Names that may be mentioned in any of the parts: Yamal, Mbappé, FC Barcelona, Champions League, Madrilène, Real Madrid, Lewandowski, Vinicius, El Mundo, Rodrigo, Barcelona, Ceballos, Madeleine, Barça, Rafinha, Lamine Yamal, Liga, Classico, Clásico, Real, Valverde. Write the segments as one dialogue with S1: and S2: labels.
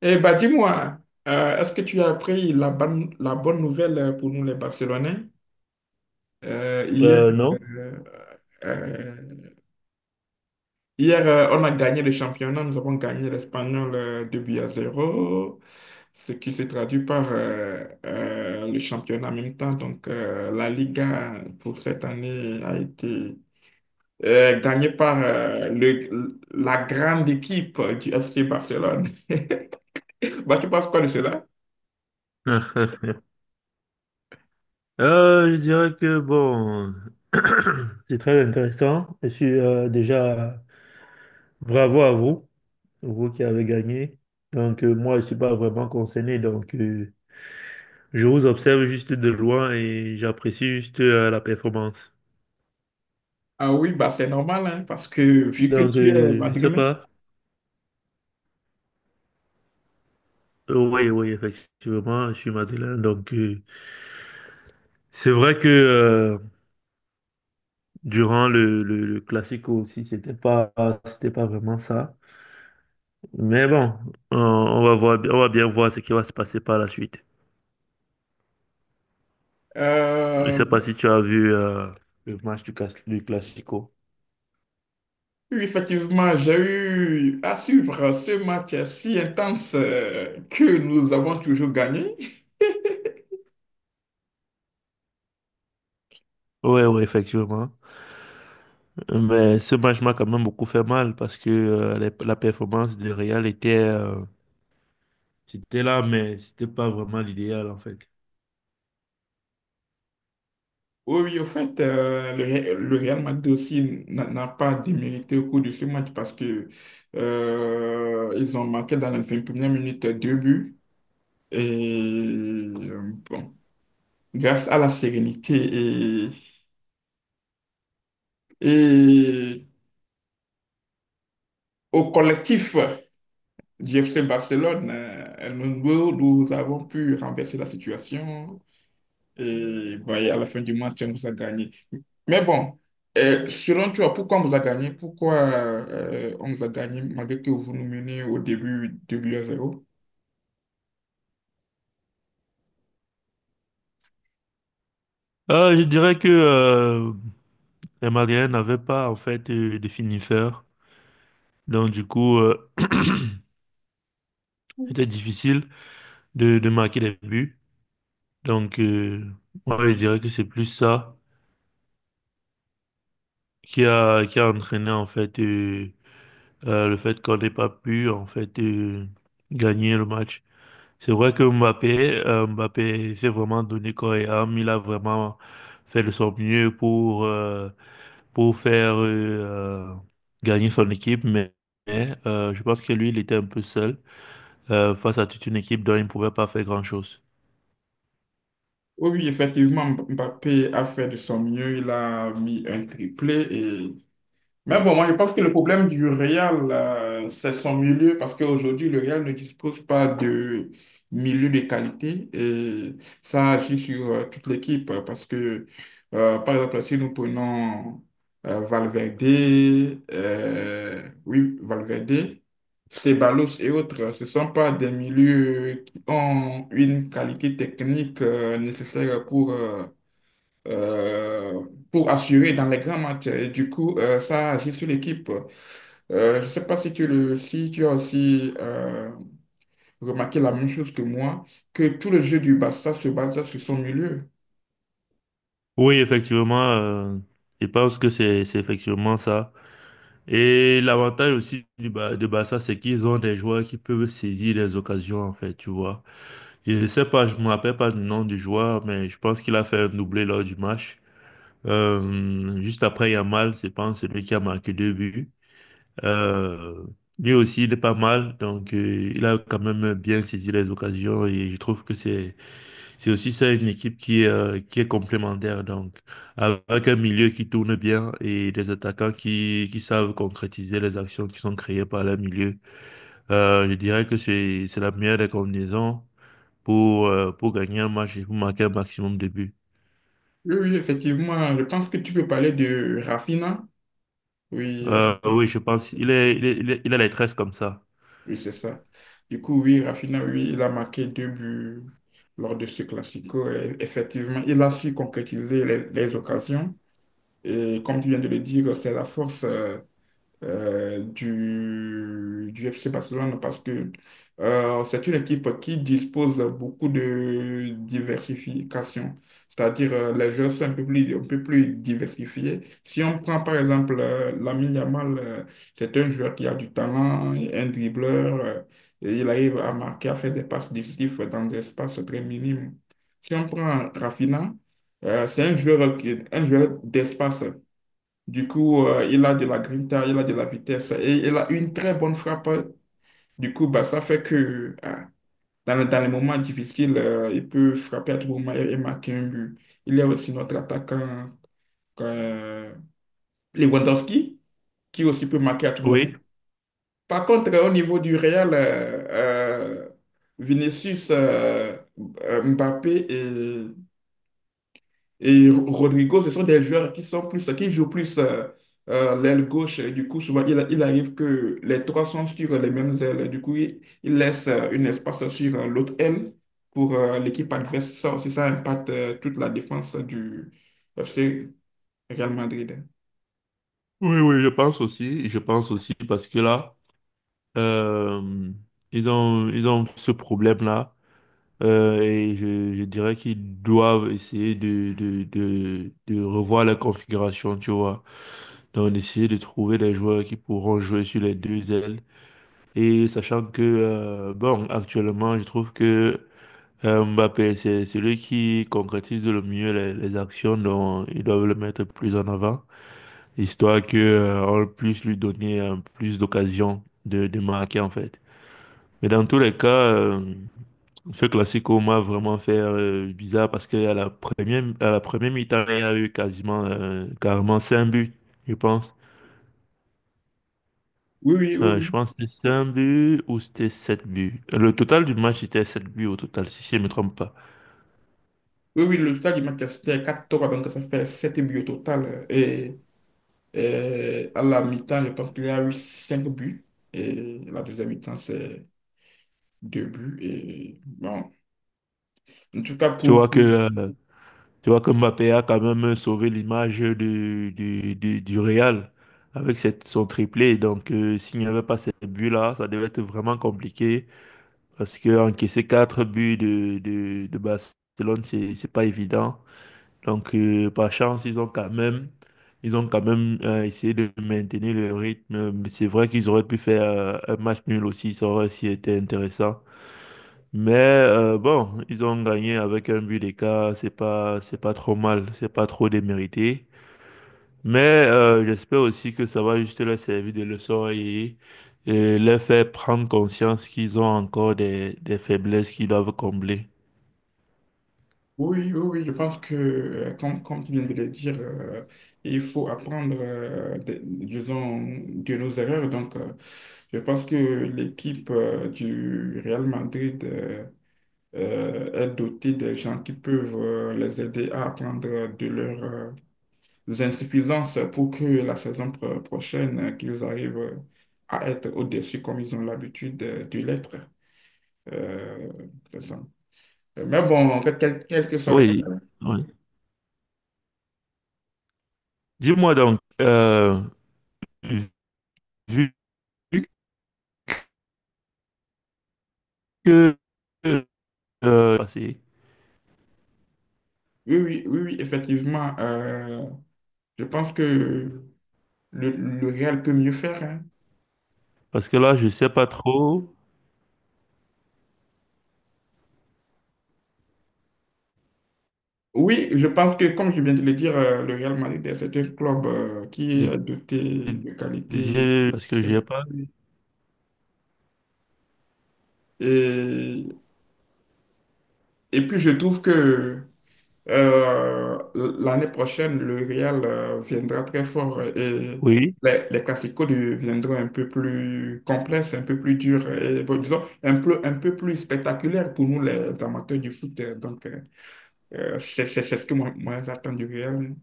S1: Eh bien, dis-moi, est-ce que tu as appris la bonne nouvelle pour nous les Barcelonais? Hier,
S2: Non.
S1: euh, euh, hier on a gagné le championnat, nous avons gagné l'Espagnol 2 buts à zéro, ce qui se traduit par le championnat en même temps. Donc, la Liga pour cette année a été gagnée par le, la grande équipe du FC Barcelone. Bah, tu penses quoi de cela?
S2: Je dirais que bon, c'est très intéressant. Je suis déjà bravo à vous, vous qui avez gagné. Donc moi, je suis pas vraiment concerné. Donc je vous observe juste de loin et j'apprécie juste la performance.
S1: Ah oui, bah c'est normal, hein, parce que vu que
S2: Donc
S1: tu es
S2: je sais
S1: madrilène,
S2: pas. Oui, oui, effectivement, je suis Madeleine. Donc c'est vrai que durant le Classico aussi, c'était pas vraiment ça. Mais bon, on va voir, on va bien voir ce qui va se passer par la suite. Je
S1: euh,
S2: sais pas si tu as vu le match du, du Classico.
S1: oui, effectivement, j'ai eu à suivre ce match si intense que nous avons toujours gagné.
S2: Ouais, ouais, effectivement. Mais ce match m'a quand même beaucoup fait mal parce que la performance de Real était, c'était là, mais c'était pas vraiment l'idéal en fait.
S1: Oui, oui, au fait, le, le Real Madrid aussi n'a pas démérité au cours de ce match, parce que ils ont marqué dans la 21e minute deux buts. Et bon, grâce à la sérénité et, et au collectif du FC Barcelone, El Mundo, nous avons pu renverser la situation, et, bah, et à la fin du match, on vous a gagné. Mais bon, selon toi, pourquoi on vous a gagné? Pourquoi on vous a gagné malgré que vous nous menez au début 2 buts à zéro?
S2: Je dirais que les Madrilènes n'avaient pas en fait de finisseur. Donc du coup, c'était difficile de marquer des buts. Donc moi, je dirais que c'est plus ça qui a entraîné en fait le fait qu'on n'ait pas pu en fait gagner le match. C'est vrai que Mbappé, Mbappé s'est vraiment donné corps et âme. Il a vraiment fait de son mieux pour faire gagner son équipe, mais, je pense que lui, il était un peu seul face à toute une équipe dont il ne pouvait pas faire grand-chose.
S1: Oui, oui, effectivement, Mbappé a fait de son mieux. Il a mis un triplé et, mais bon, moi, je pense que le problème du Real, c'est son milieu, parce qu'aujourd'hui, le Real ne dispose pas de milieu de qualité, et ça agit sur toute l'équipe. Parce que, par exemple, si nous prenons Valverde, oui, Valverde, Ceballos et autres, ce ne sont pas des milieux qui ont une qualité technique nécessaire euh, pour assurer dans les grands matchs. Et du coup, ça agit sur l'équipe. Je ne sais pas si tu as aussi remarqué la même chose que moi, que tout le jeu du Barça se base sur son milieu.
S2: Oui, effectivement, je pense que c'est effectivement ça. Et l'avantage aussi du Ba- de Barça, c'est qu'ils ont des joueurs qui peuvent saisir les occasions, en fait, tu vois. Je ne sais pas, je me rappelle pas du nom du joueur, mais je pense qu'il a fait un doublé lors du match. Juste après Yamal, c'est pas celui qui a marqué deux buts. Euh, lui aussi, il est pas mal, donc il a quand même bien saisi les occasions et je trouve que c'est aussi ça, une équipe qui est complémentaire, donc avec un milieu qui tourne bien et des attaquants qui savent concrétiser les actions qui sont créées par le milieu. Je dirais que c'est la meilleure des combinaisons pour gagner un match et pour marquer un maximum de buts.
S1: Oui, oui, effectivement, je pense que tu peux parler de Rafinha. Oui,
S2: Oui, je pense. Il est, il est, il a les tresses comme ça.
S1: oui, c'est ça. Du coup, oui, Rafinha, oui, il a marqué deux buts lors de ce Classico. Et effectivement, il a su concrétiser les occasions. Et comme tu viens de le dire, c'est la force du FC Barcelone, parce que c'est une équipe qui dispose beaucoup de diversification. C'est-à-dire, les joueurs sont un peu plus diversifiés. Si on prend par exemple Lamine Yamal, c'est un joueur qui a du talent, un dribbleur, et il arrive à marquer, à faire des passes décisives dans des espaces très minimes. Si on prend Rafinha, c'est un joueur, un joueur d'espace. Du coup, il a de la grinta, il a de la vitesse et il a une très bonne frappe. Du coup, bah, ça fait que ah, dans, dans les moments difficiles, il peut frapper à tout moment, et marquer un but. Il y a aussi notre attaquant euh, Lewandowski, qui aussi peut marquer à tout moment.
S2: Oui,
S1: Par contre, au niveau du Real, Vinicius, Mbappé et Rodrigo, ce sont des joueurs qui sont plus, qui jouent plus l'aile gauche. Et du coup, souvent, il arrive que les trois sont sur les mêmes ailes. Et du coup, il laisse un espace sur l'autre aile pour l'équipe adverse. Ça aussi, ça impacte toute la défense du FC Real Madrid.
S2: oui, oui, je pense aussi. Je pense aussi parce que là, euh, ils ont ce problème-là. Et je dirais qu'ils doivent essayer de revoir la configuration, tu vois. Donc, essayer de trouver des joueurs qui pourront jouer sur les deux ailes. Et sachant que, bon, actuellement, je trouve que Mbappé, c'est celui qui concrétise le mieux les actions, donc ils doivent le mettre plus en avant, histoire que, on puisse lui donner plus d'occasions de marquer, en fait. Mais dans tous les cas, ce classico m'a vraiment fait bizarre parce qu'à la première, à la première mi-temps, il y a eu quasiment, carrément 5 buts, je pense.
S1: Oui, oui, oui, oui.
S2: Je pense que c'était 5 buts ou c'était 7 buts. Le total du match c'était 7 buts au total, si je ne me trompe pas.
S1: Oui, oui, le total du match, c'était quatre 3, donc ça fait 7 buts au total. Et à la mi-temps, je pense qu'il y a eu 5 buts. Et la deuxième mi-temps, c'est 2 buts. Et bon, en tout cas,
S2: Tu vois que, euh, tu vois que Mbappé a quand même sauvé l'image du Real avec cette, son triplé. Donc, s'il n'y avait pas ces buts-là, ça devait être vraiment compliqué. Parce que encaisser quatre buts de Barcelone, c'est pas évident. Donc, par chance, ils ont quand même, ils ont quand même essayé de maintenir le rythme. Mais c'est vrai qu'ils auraient pu faire un match nul aussi, ça aurait aussi été intéressant. Mais bon, ils ont gagné avec un but d'écart, c'est pas trop mal, c'est pas trop démérité. Mais j'espère aussi que ça va juste leur servir de leçon et leur faire prendre conscience qu'ils ont encore des faiblesses qu'ils doivent combler.
S1: oui, oui, oui, je pense que, comme tu viens de le dire, il faut apprendre, de, disons, de nos erreurs. Donc, je pense que l'équipe, du Real Madrid, est dotée de gens qui peuvent, les aider à apprendre de leurs, insuffisances, pour que la saison prochaine, qu'ils arrivent à être au-dessus, comme ils ont l'habitude de l'être. Euh, c'est ça. Mais bon, quel que soit le cas.
S2: Oui, oui. Dis-moi donc, vu que passé,
S1: Oui, oui, oui, oui, effectivement. Je pense que le Real peut mieux faire, hein.
S2: parce que là, je sais pas trop,
S1: Oui, je pense que, comme je viens de le dire, le Real Madrid, c'est un club qui
S2: je-
S1: est doté de qualité.
S2: parce que j'ai pas...
S1: Et, et puis, je trouve que l'année prochaine, le Real viendra très fort, et
S2: Oui,
S1: les Clasico deviendront un peu plus complexes, un peu plus durs et, bon, disons un peu plus spectaculaires pour nous les amateurs du foot. Donc, c'est c'est ce que j'attends du Real.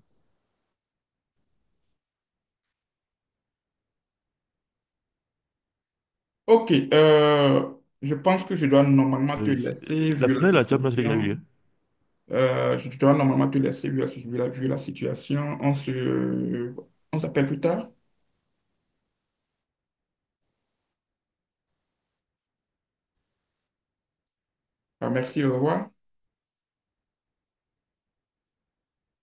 S1: Ok, je pense que je dois normalement te
S2: euh,
S1: laisser,
S2: la
S1: vu la
S2: finale de la Champions League a eu
S1: situation.
S2: lieu.
S1: Je dois normalement te laisser, vu la, vu la situation. On s'appelle plus tard. Ah, merci, au revoir.